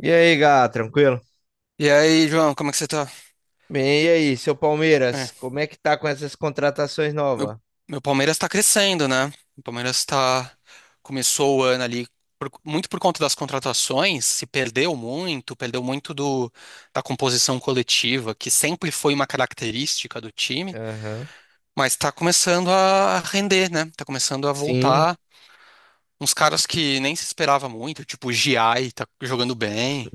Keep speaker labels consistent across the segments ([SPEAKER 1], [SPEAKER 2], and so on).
[SPEAKER 1] E aí, Gá, tranquilo?
[SPEAKER 2] E aí, João, como é que você tá?
[SPEAKER 1] Bem, e aí, seu Palmeiras,
[SPEAKER 2] É,
[SPEAKER 1] como é que tá com essas contratações
[SPEAKER 2] meu,
[SPEAKER 1] novas?
[SPEAKER 2] meu Palmeiras tá crescendo, né? O Palmeiras tá, começou o ano ali muito por conta das contratações, se perdeu muito, perdeu muito do, da composição coletiva, que sempre foi uma característica do time,
[SPEAKER 1] Aham.
[SPEAKER 2] mas tá começando a render, né? Tá começando a
[SPEAKER 1] Sim,
[SPEAKER 2] voltar uns caras que nem se esperava muito, tipo o Giai tá jogando bem.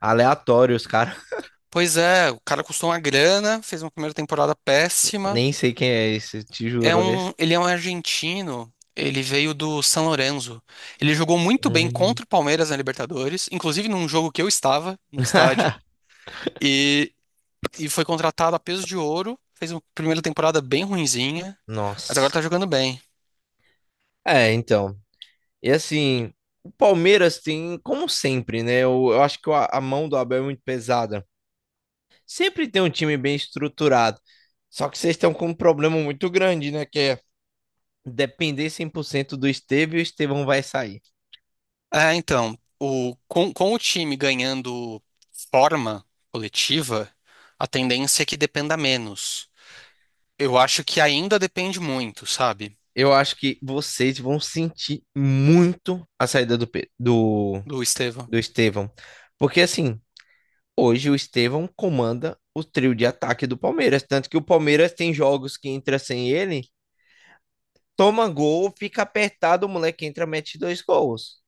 [SPEAKER 1] aleatórios, cara.
[SPEAKER 2] Pois é, o cara custou uma grana, fez uma primeira temporada péssima.
[SPEAKER 1] Nem sei quem é esse, te juro, esse.
[SPEAKER 2] Ele é um argentino. Ele veio do San Lorenzo. Ele jogou muito bem
[SPEAKER 1] Hum.
[SPEAKER 2] contra o Palmeiras na Libertadores, inclusive num jogo que eu estava no estádio. E, e foi contratado a peso de ouro. Fez uma primeira temporada bem ruinzinha, mas agora
[SPEAKER 1] Nossa.
[SPEAKER 2] tá jogando bem.
[SPEAKER 1] É, então. E assim, o Palmeiras tem, como sempre, né? Eu acho que a mão do Abel é muito pesada. Sempre tem um time bem estruturado. Só que vocês estão com um problema muito grande, né? Que é depender 100% do Estevão e o Estevão vai sair.
[SPEAKER 2] É, então, com o time ganhando forma coletiva, a tendência é que dependa menos. Eu acho que ainda depende muito, sabe,
[SPEAKER 1] Eu acho que vocês vão sentir muito a saída do
[SPEAKER 2] do Estevão.
[SPEAKER 1] do, Estevão. Porque, assim, hoje o Estevão comanda o trio de ataque do Palmeiras. Tanto que o Palmeiras tem jogos que entra sem ele, toma gol, fica apertado, o moleque entra, mete dois gols.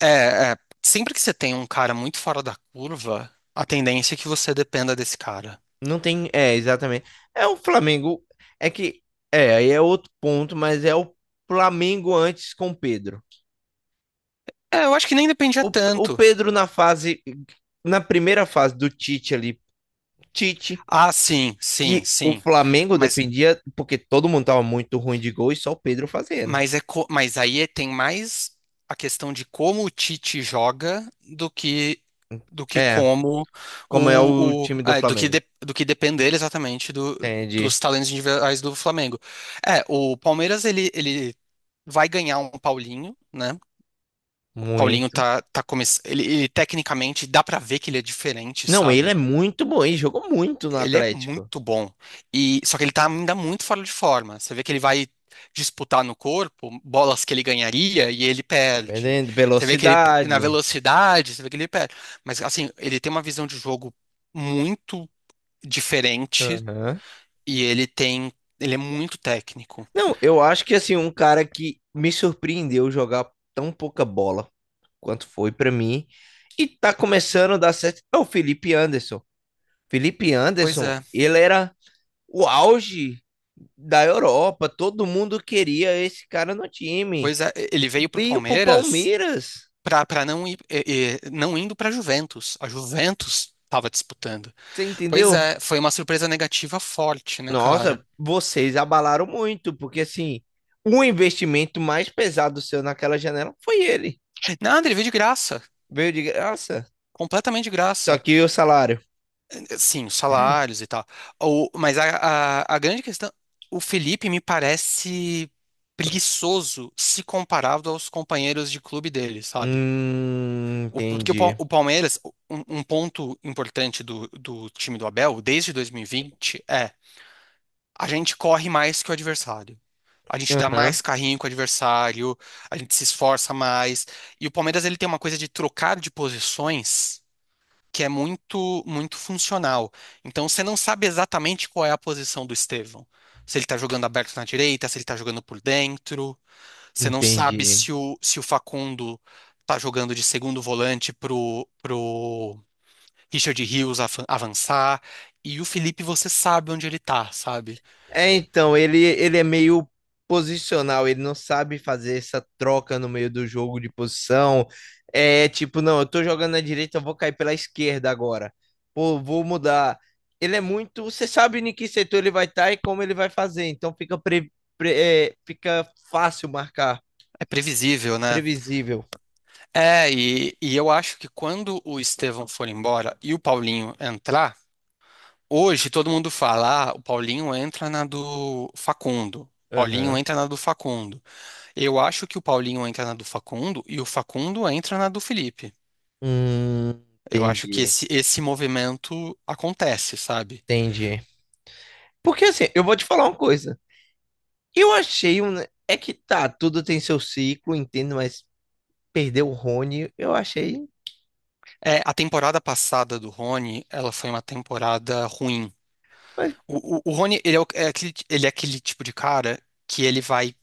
[SPEAKER 2] É, sempre que você tem um cara muito fora da curva, a tendência é que você dependa desse cara.
[SPEAKER 1] Não tem. É, exatamente. É o Flamengo. É que. É, aí é outro ponto, mas é o Flamengo antes com o Pedro.
[SPEAKER 2] É, eu acho que nem dependia
[SPEAKER 1] O
[SPEAKER 2] tanto.
[SPEAKER 1] Pedro na fase. Na primeira fase do Tite ali, Tite
[SPEAKER 2] Ah, sim, sim,
[SPEAKER 1] que o
[SPEAKER 2] sim.
[SPEAKER 1] Flamengo
[SPEAKER 2] Mas,
[SPEAKER 1] dependia, porque todo mundo tava muito ruim de gol e só o Pedro fazendo.
[SPEAKER 2] mas, mas aí tem mais a questão de como o Tite joga do que
[SPEAKER 1] É,
[SPEAKER 2] como
[SPEAKER 1] como é o
[SPEAKER 2] o
[SPEAKER 1] time do Flamengo.
[SPEAKER 2] do que depender exatamente
[SPEAKER 1] Entendi.
[SPEAKER 2] dos talentos individuais do Flamengo. É, o Palmeiras ele vai ganhar um Paulinho, né? Paulinho
[SPEAKER 1] Muito.
[SPEAKER 2] tá começando. Ele, tecnicamente dá pra ver que ele é diferente,
[SPEAKER 1] Não, ele
[SPEAKER 2] sabe?
[SPEAKER 1] é muito bom, ele jogou muito no
[SPEAKER 2] Ele é
[SPEAKER 1] Atlético.
[SPEAKER 2] muito bom. E só que ele tá ainda muito fora de forma. Você vê que ele vai disputar no corpo bolas que ele ganharia e ele
[SPEAKER 1] Tá
[SPEAKER 2] perde.
[SPEAKER 1] perdendo
[SPEAKER 2] Você vê que ele na
[SPEAKER 1] velocidade.
[SPEAKER 2] velocidade, você vê que ele perde. Mas assim, ele tem uma visão de jogo muito diferente
[SPEAKER 1] Aham.
[SPEAKER 2] e ele tem, ele é muito técnico.
[SPEAKER 1] Não, eu acho que assim, um cara que me surpreendeu jogar tão pouca bola quanto foi pra mim e tá começando a dar certo é o Felipe Anderson. Felipe
[SPEAKER 2] Pois
[SPEAKER 1] Anderson,
[SPEAKER 2] é.
[SPEAKER 1] ele era o auge da Europa. Todo mundo queria esse cara no time.
[SPEAKER 2] Pois é, ele veio pro
[SPEAKER 1] Veio pro
[SPEAKER 2] Palmeiras
[SPEAKER 1] Palmeiras.
[SPEAKER 2] para não ir, não indo para a Juventus. A Juventus estava disputando.
[SPEAKER 1] Você
[SPEAKER 2] Pois
[SPEAKER 1] entendeu?
[SPEAKER 2] é, foi uma surpresa negativa forte, né,
[SPEAKER 1] Nossa,
[SPEAKER 2] cara?
[SPEAKER 1] vocês abalaram muito, porque assim, o investimento mais pesado seu naquela janela foi ele.
[SPEAKER 2] Nada, ele veio de graça.
[SPEAKER 1] Veio de graça.
[SPEAKER 2] Completamente de
[SPEAKER 1] Só
[SPEAKER 2] graça.
[SPEAKER 1] que o salário.
[SPEAKER 2] Sim, os salários e tal. O, mas a grande questão. O Felipe me parece preguiçoso se comparado aos companheiros de clube dele, sabe? Porque
[SPEAKER 1] Entendi.
[SPEAKER 2] O Palmeiras, um ponto importante do time do Abel, desde 2020 é. A gente corre mais que o adversário. A gente dá
[SPEAKER 1] Aham,
[SPEAKER 2] mais carrinho que o adversário, a gente se esforça mais. E o Palmeiras ele tem uma coisa de trocar de posições que é muito muito funcional. Então você não sabe exatamente qual é a posição do Estevão. Se ele tá jogando aberto na direita, se ele tá jogando por dentro, você não sabe
[SPEAKER 1] entendi.
[SPEAKER 2] se o Facundo tá jogando de segundo volante pro Richard Rios avançar. E o Felipe, você sabe onde ele tá, sabe?
[SPEAKER 1] É, então, ele é meio posicional, ele não sabe fazer essa troca no meio do jogo de posição. É tipo, não, eu tô jogando na direita, eu vou cair pela esquerda agora. Pô, vou mudar. Ele é muito. Você sabe em que setor ele vai estar e como ele vai fazer, então pre- fica fácil marcar,
[SPEAKER 2] É previsível, né?
[SPEAKER 1] previsível.
[SPEAKER 2] É, e eu acho que quando o Estevão for embora e o Paulinho entrar, hoje todo mundo fala, ah, o Paulinho entra na do Facundo. Paulinho
[SPEAKER 1] Aham.
[SPEAKER 2] entra na do Facundo. Eu acho que o Paulinho entra na do Facundo e o Facundo entra na do Felipe.
[SPEAKER 1] Hum,
[SPEAKER 2] Eu acho que
[SPEAKER 1] entendi,
[SPEAKER 2] esse movimento acontece, sabe?
[SPEAKER 1] entendi. Porque assim, eu vou te falar uma coisa. Eu achei um. É que tá, tudo tem seu ciclo, entendo, mas perdeu o Rony, eu achei.
[SPEAKER 2] É, a temporada passada do Rony, ela foi uma temporada ruim.
[SPEAKER 1] Mas,
[SPEAKER 2] O Rony, ele é aquele tipo de cara que ele vai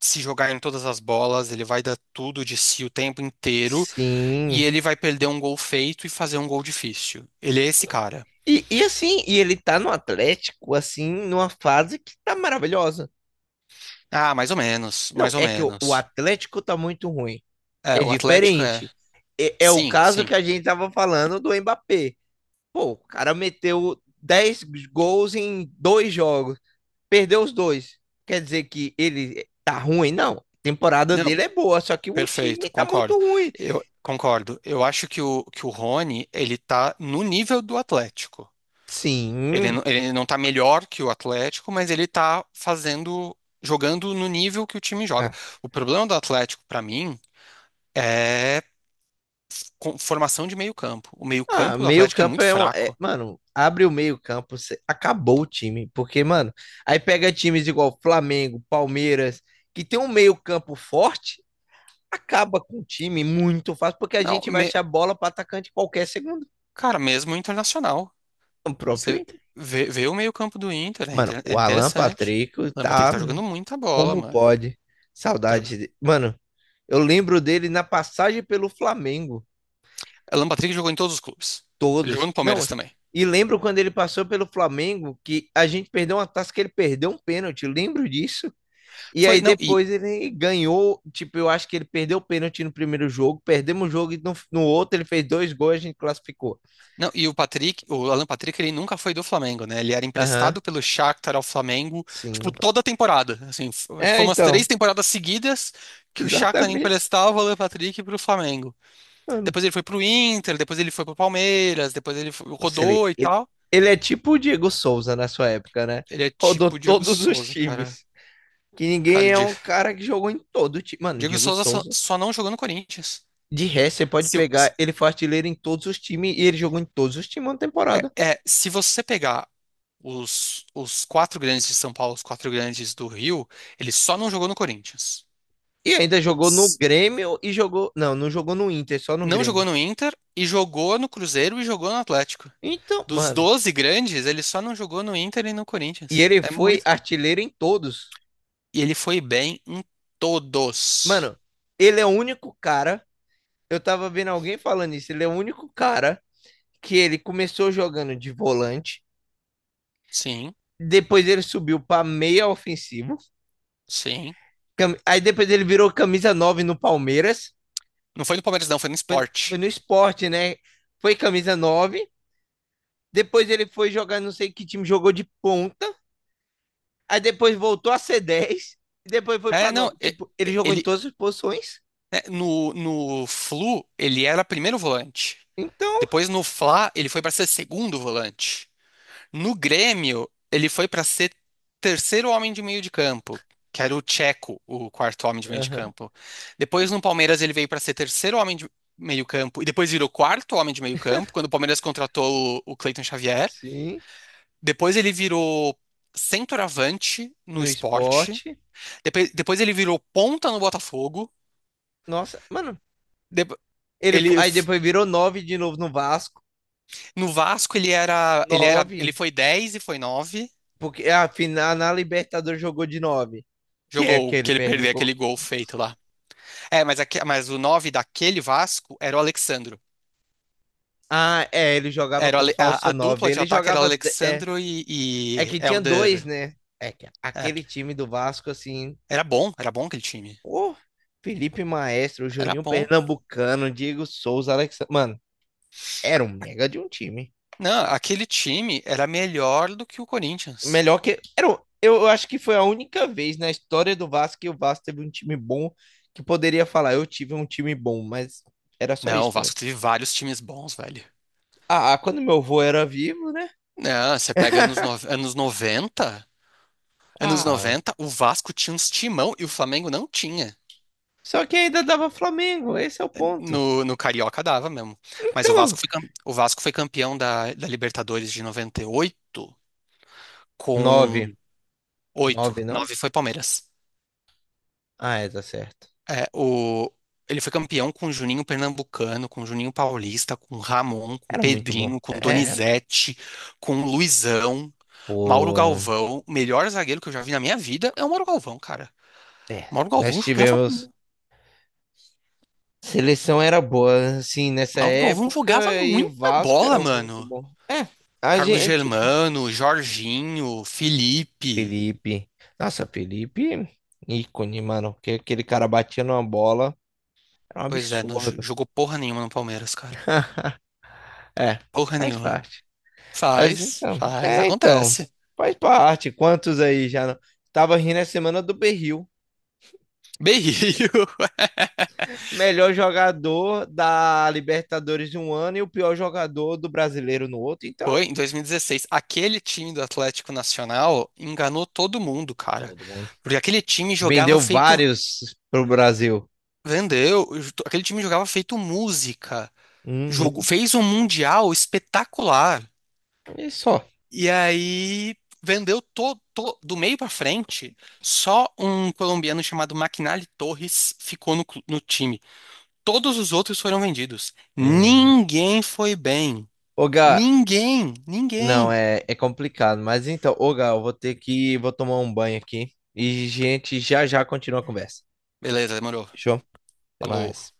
[SPEAKER 2] se jogar em todas as bolas, ele vai dar tudo de si o tempo inteiro e
[SPEAKER 1] sim.
[SPEAKER 2] ele vai perder um gol feito e fazer um gol difícil. Ele é esse cara.
[SPEAKER 1] E assim, e ele tá no Atlético, assim, numa fase que tá maravilhosa.
[SPEAKER 2] Ah, mais ou menos,
[SPEAKER 1] Não,
[SPEAKER 2] mais ou
[SPEAKER 1] é que o
[SPEAKER 2] menos.
[SPEAKER 1] Atlético tá muito ruim.
[SPEAKER 2] É,
[SPEAKER 1] É
[SPEAKER 2] o Atlético é.
[SPEAKER 1] diferente. É, é o
[SPEAKER 2] Sim,
[SPEAKER 1] caso
[SPEAKER 2] sim.
[SPEAKER 1] que a gente tava falando do Mbappé. Pô, o cara meteu 10 gols em dois jogos, perdeu os dois. Quer dizer que ele tá ruim? Não. A temporada
[SPEAKER 2] Não,
[SPEAKER 1] dele é boa, só que o time
[SPEAKER 2] perfeito,
[SPEAKER 1] tá
[SPEAKER 2] concordo.
[SPEAKER 1] muito ruim.
[SPEAKER 2] Eu concordo. Eu acho que o Rony, ele tá no nível do Atlético. Ele,
[SPEAKER 1] Sim.
[SPEAKER 2] ele não tá melhor que o Atlético, mas ele tá fazendo, jogando no nível que o time joga.
[SPEAKER 1] Ah,
[SPEAKER 2] O problema do Atlético, pra mim, é formação de meio campo. O meio
[SPEAKER 1] ah,
[SPEAKER 2] campo do
[SPEAKER 1] meio
[SPEAKER 2] Atlético é
[SPEAKER 1] campo
[SPEAKER 2] muito
[SPEAKER 1] é, um, é-
[SPEAKER 2] fraco.
[SPEAKER 1] Mano, abre o meio campo, cê- acabou o time. Porque, mano, aí pega times igual Flamengo, Palmeiras, que tem um meio campo forte, acaba com o time muito fácil, porque a
[SPEAKER 2] Não,
[SPEAKER 1] gente vai achar bola para atacante qualquer segundo.
[SPEAKER 2] cara, mesmo o internacional.
[SPEAKER 1] O próprio
[SPEAKER 2] Você
[SPEAKER 1] Inter.
[SPEAKER 2] vê o meio campo do Inter,
[SPEAKER 1] Mano,
[SPEAKER 2] é
[SPEAKER 1] o Alan
[SPEAKER 2] interessante.
[SPEAKER 1] Patrico
[SPEAKER 2] O Alan Patrick
[SPEAKER 1] tá
[SPEAKER 2] tá jogando muita bola,
[SPEAKER 1] como
[SPEAKER 2] mano.
[SPEAKER 1] pode.
[SPEAKER 2] Tá
[SPEAKER 1] Saudade.
[SPEAKER 2] jogando.
[SPEAKER 1] De- Mano, eu lembro dele na passagem pelo Flamengo.
[SPEAKER 2] O Alan Patrick jogou em todos os clubes. Ele jogou
[SPEAKER 1] Todos.
[SPEAKER 2] no Palmeiras
[SPEAKER 1] Não,
[SPEAKER 2] também.
[SPEAKER 1] e lembro quando ele passou pelo Flamengo, que a gente perdeu uma taça que ele perdeu um pênalti, lembro disso. E
[SPEAKER 2] Foi,
[SPEAKER 1] aí
[SPEAKER 2] não, e,
[SPEAKER 1] depois ele ganhou, tipo, eu acho que ele perdeu o pênalti no primeiro jogo, perdemos o jogo e no outro ele fez dois gols e a gente classificou.
[SPEAKER 2] não, e o Patrick, o Alan Patrick, ele nunca foi do Flamengo, né? Ele era
[SPEAKER 1] Aham,
[SPEAKER 2] emprestado pelo Shakhtar ao Flamengo, tipo,
[SPEAKER 1] sim.
[SPEAKER 2] toda a temporada. Assim, acho que
[SPEAKER 1] É,
[SPEAKER 2] foi umas
[SPEAKER 1] então,
[SPEAKER 2] 3 temporadas seguidas que o Shakhtar
[SPEAKER 1] exatamente.
[SPEAKER 2] emprestava o Alan Patrick pro Flamengo.
[SPEAKER 1] Mano,
[SPEAKER 2] Depois ele foi pro Inter, depois ele foi pro Palmeiras, depois ele
[SPEAKER 1] nossa,
[SPEAKER 2] rodou e tal.
[SPEAKER 1] ele é tipo o Diego Souza na sua época, né?
[SPEAKER 2] Ele é
[SPEAKER 1] Rodou
[SPEAKER 2] tipo o Diego
[SPEAKER 1] todos os
[SPEAKER 2] Souza, cara.
[SPEAKER 1] times. Que
[SPEAKER 2] Cara,
[SPEAKER 1] ninguém é um cara que jogou em todo time. Mano, o
[SPEAKER 2] Diego
[SPEAKER 1] Diego
[SPEAKER 2] Souza só,
[SPEAKER 1] Souza
[SPEAKER 2] só não jogou no Corinthians.
[SPEAKER 1] de resto, você pode
[SPEAKER 2] Se, se-
[SPEAKER 1] pegar, ele foi artilheiro em todos os times e ele jogou em todos os times na temporada.
[SPEAKER 2] se você pegar os quatro grandes de São Paulo, os quatro grandes do Rio, ele só não jogou no Corinthians.
[SPEAKER 1] E ainda jogou no
[SPEAKER 2] S-
[SPEAKER 1] Grêmio e jogou. Não, não jogou no Inter, só no
[SPEAKER 2] Não
[SPEAKER 1] Grêmio.
[SPEAKER 2] jogou no Inter e jogou no Cruzeiro e jogou no Atlético.
[SPEAKER 1] Então,
[SPEAKER 2] Dos
[SPEAKER 1] mano.
[SPEAKER 2] 12 grandes, ele só não jogou no Inter e no
[SPEAKER 1] E
[SPEAKER 2] Corinthians.
[SPEAKER 1] ele
[SPEAKER 2] É
[SPEAKER 1] foi
[SPEAKER 2] muito.
[SPEAKER 1] artilheiro em todos.
[SPEAKER 2] E ele foi bem em todos.
[SPEAKER 1] Mano, ele é o único cara. Eu tava vendo alguém falando isso. Ele é o único cara que ele começou jogando de volante.
[SPEAKER 2] Sim,
[SPEAKER 1] Depois ele subiu pra meia ofensivo.
[SPEAKER 2] sim.
[SPEAKER 1] Aí depois ele virou camisa 9 no Palmeiras.
[SPEAKER 2] Não foi no Palmeiras, não, foi no
[SPEAKER 1] Foi, foi
[SPEAKER 2] Sport.
[SPEAKER 1] no sport né? Foi camisa nove. Depois ele foi jogar, não sei que time, jogou de ponta. Aí depois voltou a ser dez. E depois foi pra
[SPEAKER 2] É, não,
[SPEAKER 1] nove. Tipo, ele jogou em
[SPEAKER 2] ele
[SPEAKER 1] todas as posições.
[SPEAKER 2] né, no Flu ele era primeiro volante.
[SPEAKER 1] Então,
[SPEAKER 2] Depois no Fla ele foi para ser segundo volante. No Grêmio ele foi para ser terceiro homem de meio de campo, que era o Tcheco, o quarto homem de meio de
[SPEAKER 1] aham,
[SPEAKER 2] campo. Depois no Palmeiras ele veio para ser terceiro homem de meio campo e depois virou quarto homem de meio campo quando o Palmeiras contratou o Cleiton Xavier.
[SPEAKER 1] sim,
[SPEAKER 2] Depois ele virou centroavante no
[SPEAKER 1] no
[SPEAKER 2] Sport.
[SPEAKER 1] esporte.
[SPEAKER 2] Depois, ele virou ponta no Botafogo.
[SPEAKER 1] Nossa, mano.
[SPEAKER 2] Depo-
[SPEAKER 1] Ele,
[SPEAKER 2] ele
[SPEAKER 1] aí
[SPEAKER 2] f-
[SPEAKER 1] depois virou 9 de novo no Vasco.
[SPEAKER 2] no Vasco
[SPEAKER 1] Nove.
[SPEAKER 2] ele foi 10 e foi nove.
[SPEAKER 1] Porque a final na Libertadores jogou de nove. Que é que
[SPEAKER 2] Jogou
[SPEAKER 1] ele
[SPEAKER 2] que ele
[SPEAKER 1] perdeu o
[SPEAKER 2] perdeu
[SPEAKER 1] gol.
[SPEAKER 2] aquele gol feito lá. É, mas o 9 daquele Vasco era o Alexandro.
[SPEAKER 1] Ah, é, ele jogava como
[SPEAKER 2] A,
[SPEAKER 1] falso
[SPEAKER 2] a
[SPEAKER 1] nove.
[SPEAKER 2] dupla de
[SPEAKER 1] Ele
[SPEAKER 2] ataque era
[SPEAKER 1] jogava. É,
[SPEAKER 2] Alexandro e,
[SPEAKER 1] é
[SPEAKER 2] e
[SPEAKER 1] que tinha
[SPEAKER 2] Elder.
[SPEAKER 1] dois, né? É que
[SPEAKER 2] É,
[SPEAKER 1] aquele time do Vasco, assim,
[SPEAKER 2] era bom aquele time.
[SPEAKER 1] ô, Felipe Maestro,
[SPEAKER 2] Era
[SPEAKER 1] Juninho
[SPEAKER 2] bom.
[SPEAKER 1] Pernambucano, Diego Souza, Alex. Mano, era um mega de um time.
[SPEAKER 2] Não, aquele time era melhor do que o Corinthians.
[SPEAKER 1] Melhor que. Era um- Eu, acho que foi a única vez na história do Vasco que o Vasco teve um time bom que poderia falar, eu tive um time bom, mas era só
[SPEAKER 2] Não, o
[SPEAKER 1] isso também.
[SPEAKER 2] Vasco teve vários times bons, velho.
[SPEAKER 1] Ah, ah, quando meu avô era vivo, né?
[SPEAKER 2] Não, você pega anos, anos 90. Anos
[SPEAKER 1] Ah, mano.
[SPEAKER 2] 90 o Vasco tinha uns timão e o Flamengo não tinha.
[SPEAKER 1] Só que ainda dava Flamengo, esse é o ponto.
[SPEAKER 2] No Carioca dava mesmo. Mas o
[SPEAKER 1] Então,
[SPEAKER 2] Vasco foi, o Vasco foi campeão da Libertadores de 98 com.
[SPEAKER 1] nove.
[SPEAKER 2] oito
[SPEAKER 1] Nove, não?
[SPEAKER 2] nove foi Palmeiras.
[SPEAKER 1] Ah, é, tá certo.
[SPEAKER 2] É, ele foi campeão com Juninho Pernambucano, com Juninho Paulista, com Ramon, com
[SPEAKER 1] Era muito bom.
[SPEAKER 2] Pedrinho, com
[SPEAKER 1] É,
[SPEAKER 2] Donizete, com Luizão, Mauro
[SPEAKER 1] pô.
[SPEAKER 2] Galvão. O melhor zagueiro que eu já vi na minha vida é o Mauro Galvão, cara.
[SPEAKER 1] É,
[SPEAKER 2] Mauro
[SPEAKER 1] nós
[SPEAKER 2] Galvão jogava,
[SPEAKER 1] tivemos Seleção era boa, assim, nessa
[SPEAKER 2] Mauro Galvão
[SPEAKER 1] época,
[SPEAKER 2] jogava
[SPEAKER 1] e
[SPEAKER 2] muita
[SPEAKER 1] Vasco
[SPEAKER 2] bola,
[SPEAKER 1] era muito
[SPEAKER 2] mano.
[SPEAKER 1] bom. É, a
[SPEAKER 2] Carlos
[SPEAKER 1] gente.
[SPEAKER 2] Germano, Jorginho, Felipe.
[SPEAKER 1] Felipe. Nossa, Felipe, ícone, mano, porque aquele cara batia numa bola, era um
[SPEAKER 2] Pois é, não
[SPEAKER 1] absurdo.
[SPEAKER 2] jogou porra nenhuma no Palmeiras, cara.
[SPEAKER 1] É,
[SPEAKER 2] Porra
[SPEAKER 1] faz
[SPEAKER 2] nenhuma.
[SPEAKER 1] parte. Mas
[SPEAKER 2] Faz,
[SPEAKER 1] então,
[SPEAKER 2] faz,
[SPEAKER 1] é, então,
[SPEAKER 2] acontece.
[SPEAKER 1] faz parte. Quantos aí já não... Tava rindo a semana do Berril.
[SPEAKER 2] Berrio.
[SPEAKER 1] Melhor jogador da Libertadores de um ano e o pior jogador do brasileiro no outro. Então,
[SPEAKER 2] Foi em 2016. Aquele time do Atlético Nacional enganou todo mundo, cara.
[SPEAKER 1] todo mundo.
[SPEAKER 2] Porque aquele time jogava
[SPEAKER 1] Vendeu
[SPEAKER 2] feito.
[SPEAKER 1] vários pro Brasil.
[SPEAKER 2] Vendeu. Aquele time jogava feito música. Jogo,
[SPEAKER 1] Uhum.
[SPEAKER 2] fez um mundial espetacular.
[SPEAKER 1] E só.
[SPEAKER 2] E aí vendeu todo do meio pra frente, só um colombiano chamado McNally Torres ficou no time. Todos os outros foram vendidos.
[SPEAKER 1] Hum, nossa.
[SPEAKER 2] Ninguém foi bem.
[SPEAKER 1] Ô, Gá,
[SPEAKER 2] Ninguém,
[SPEAKER 1] não,
[SPEAKER 2] ninguém.
[SPEAKER 1] é, é complicado. Mas então, ô, Gá, eu vou ter que, vou tomar um banho aqui. E, gente, já já continua a conversa.
[SPEAKER 2] Beleza, demorou.
[SPEAKER 1] Fechou? Até
[SPEAKER 2] Falou.
[SPEAKER 1] mais.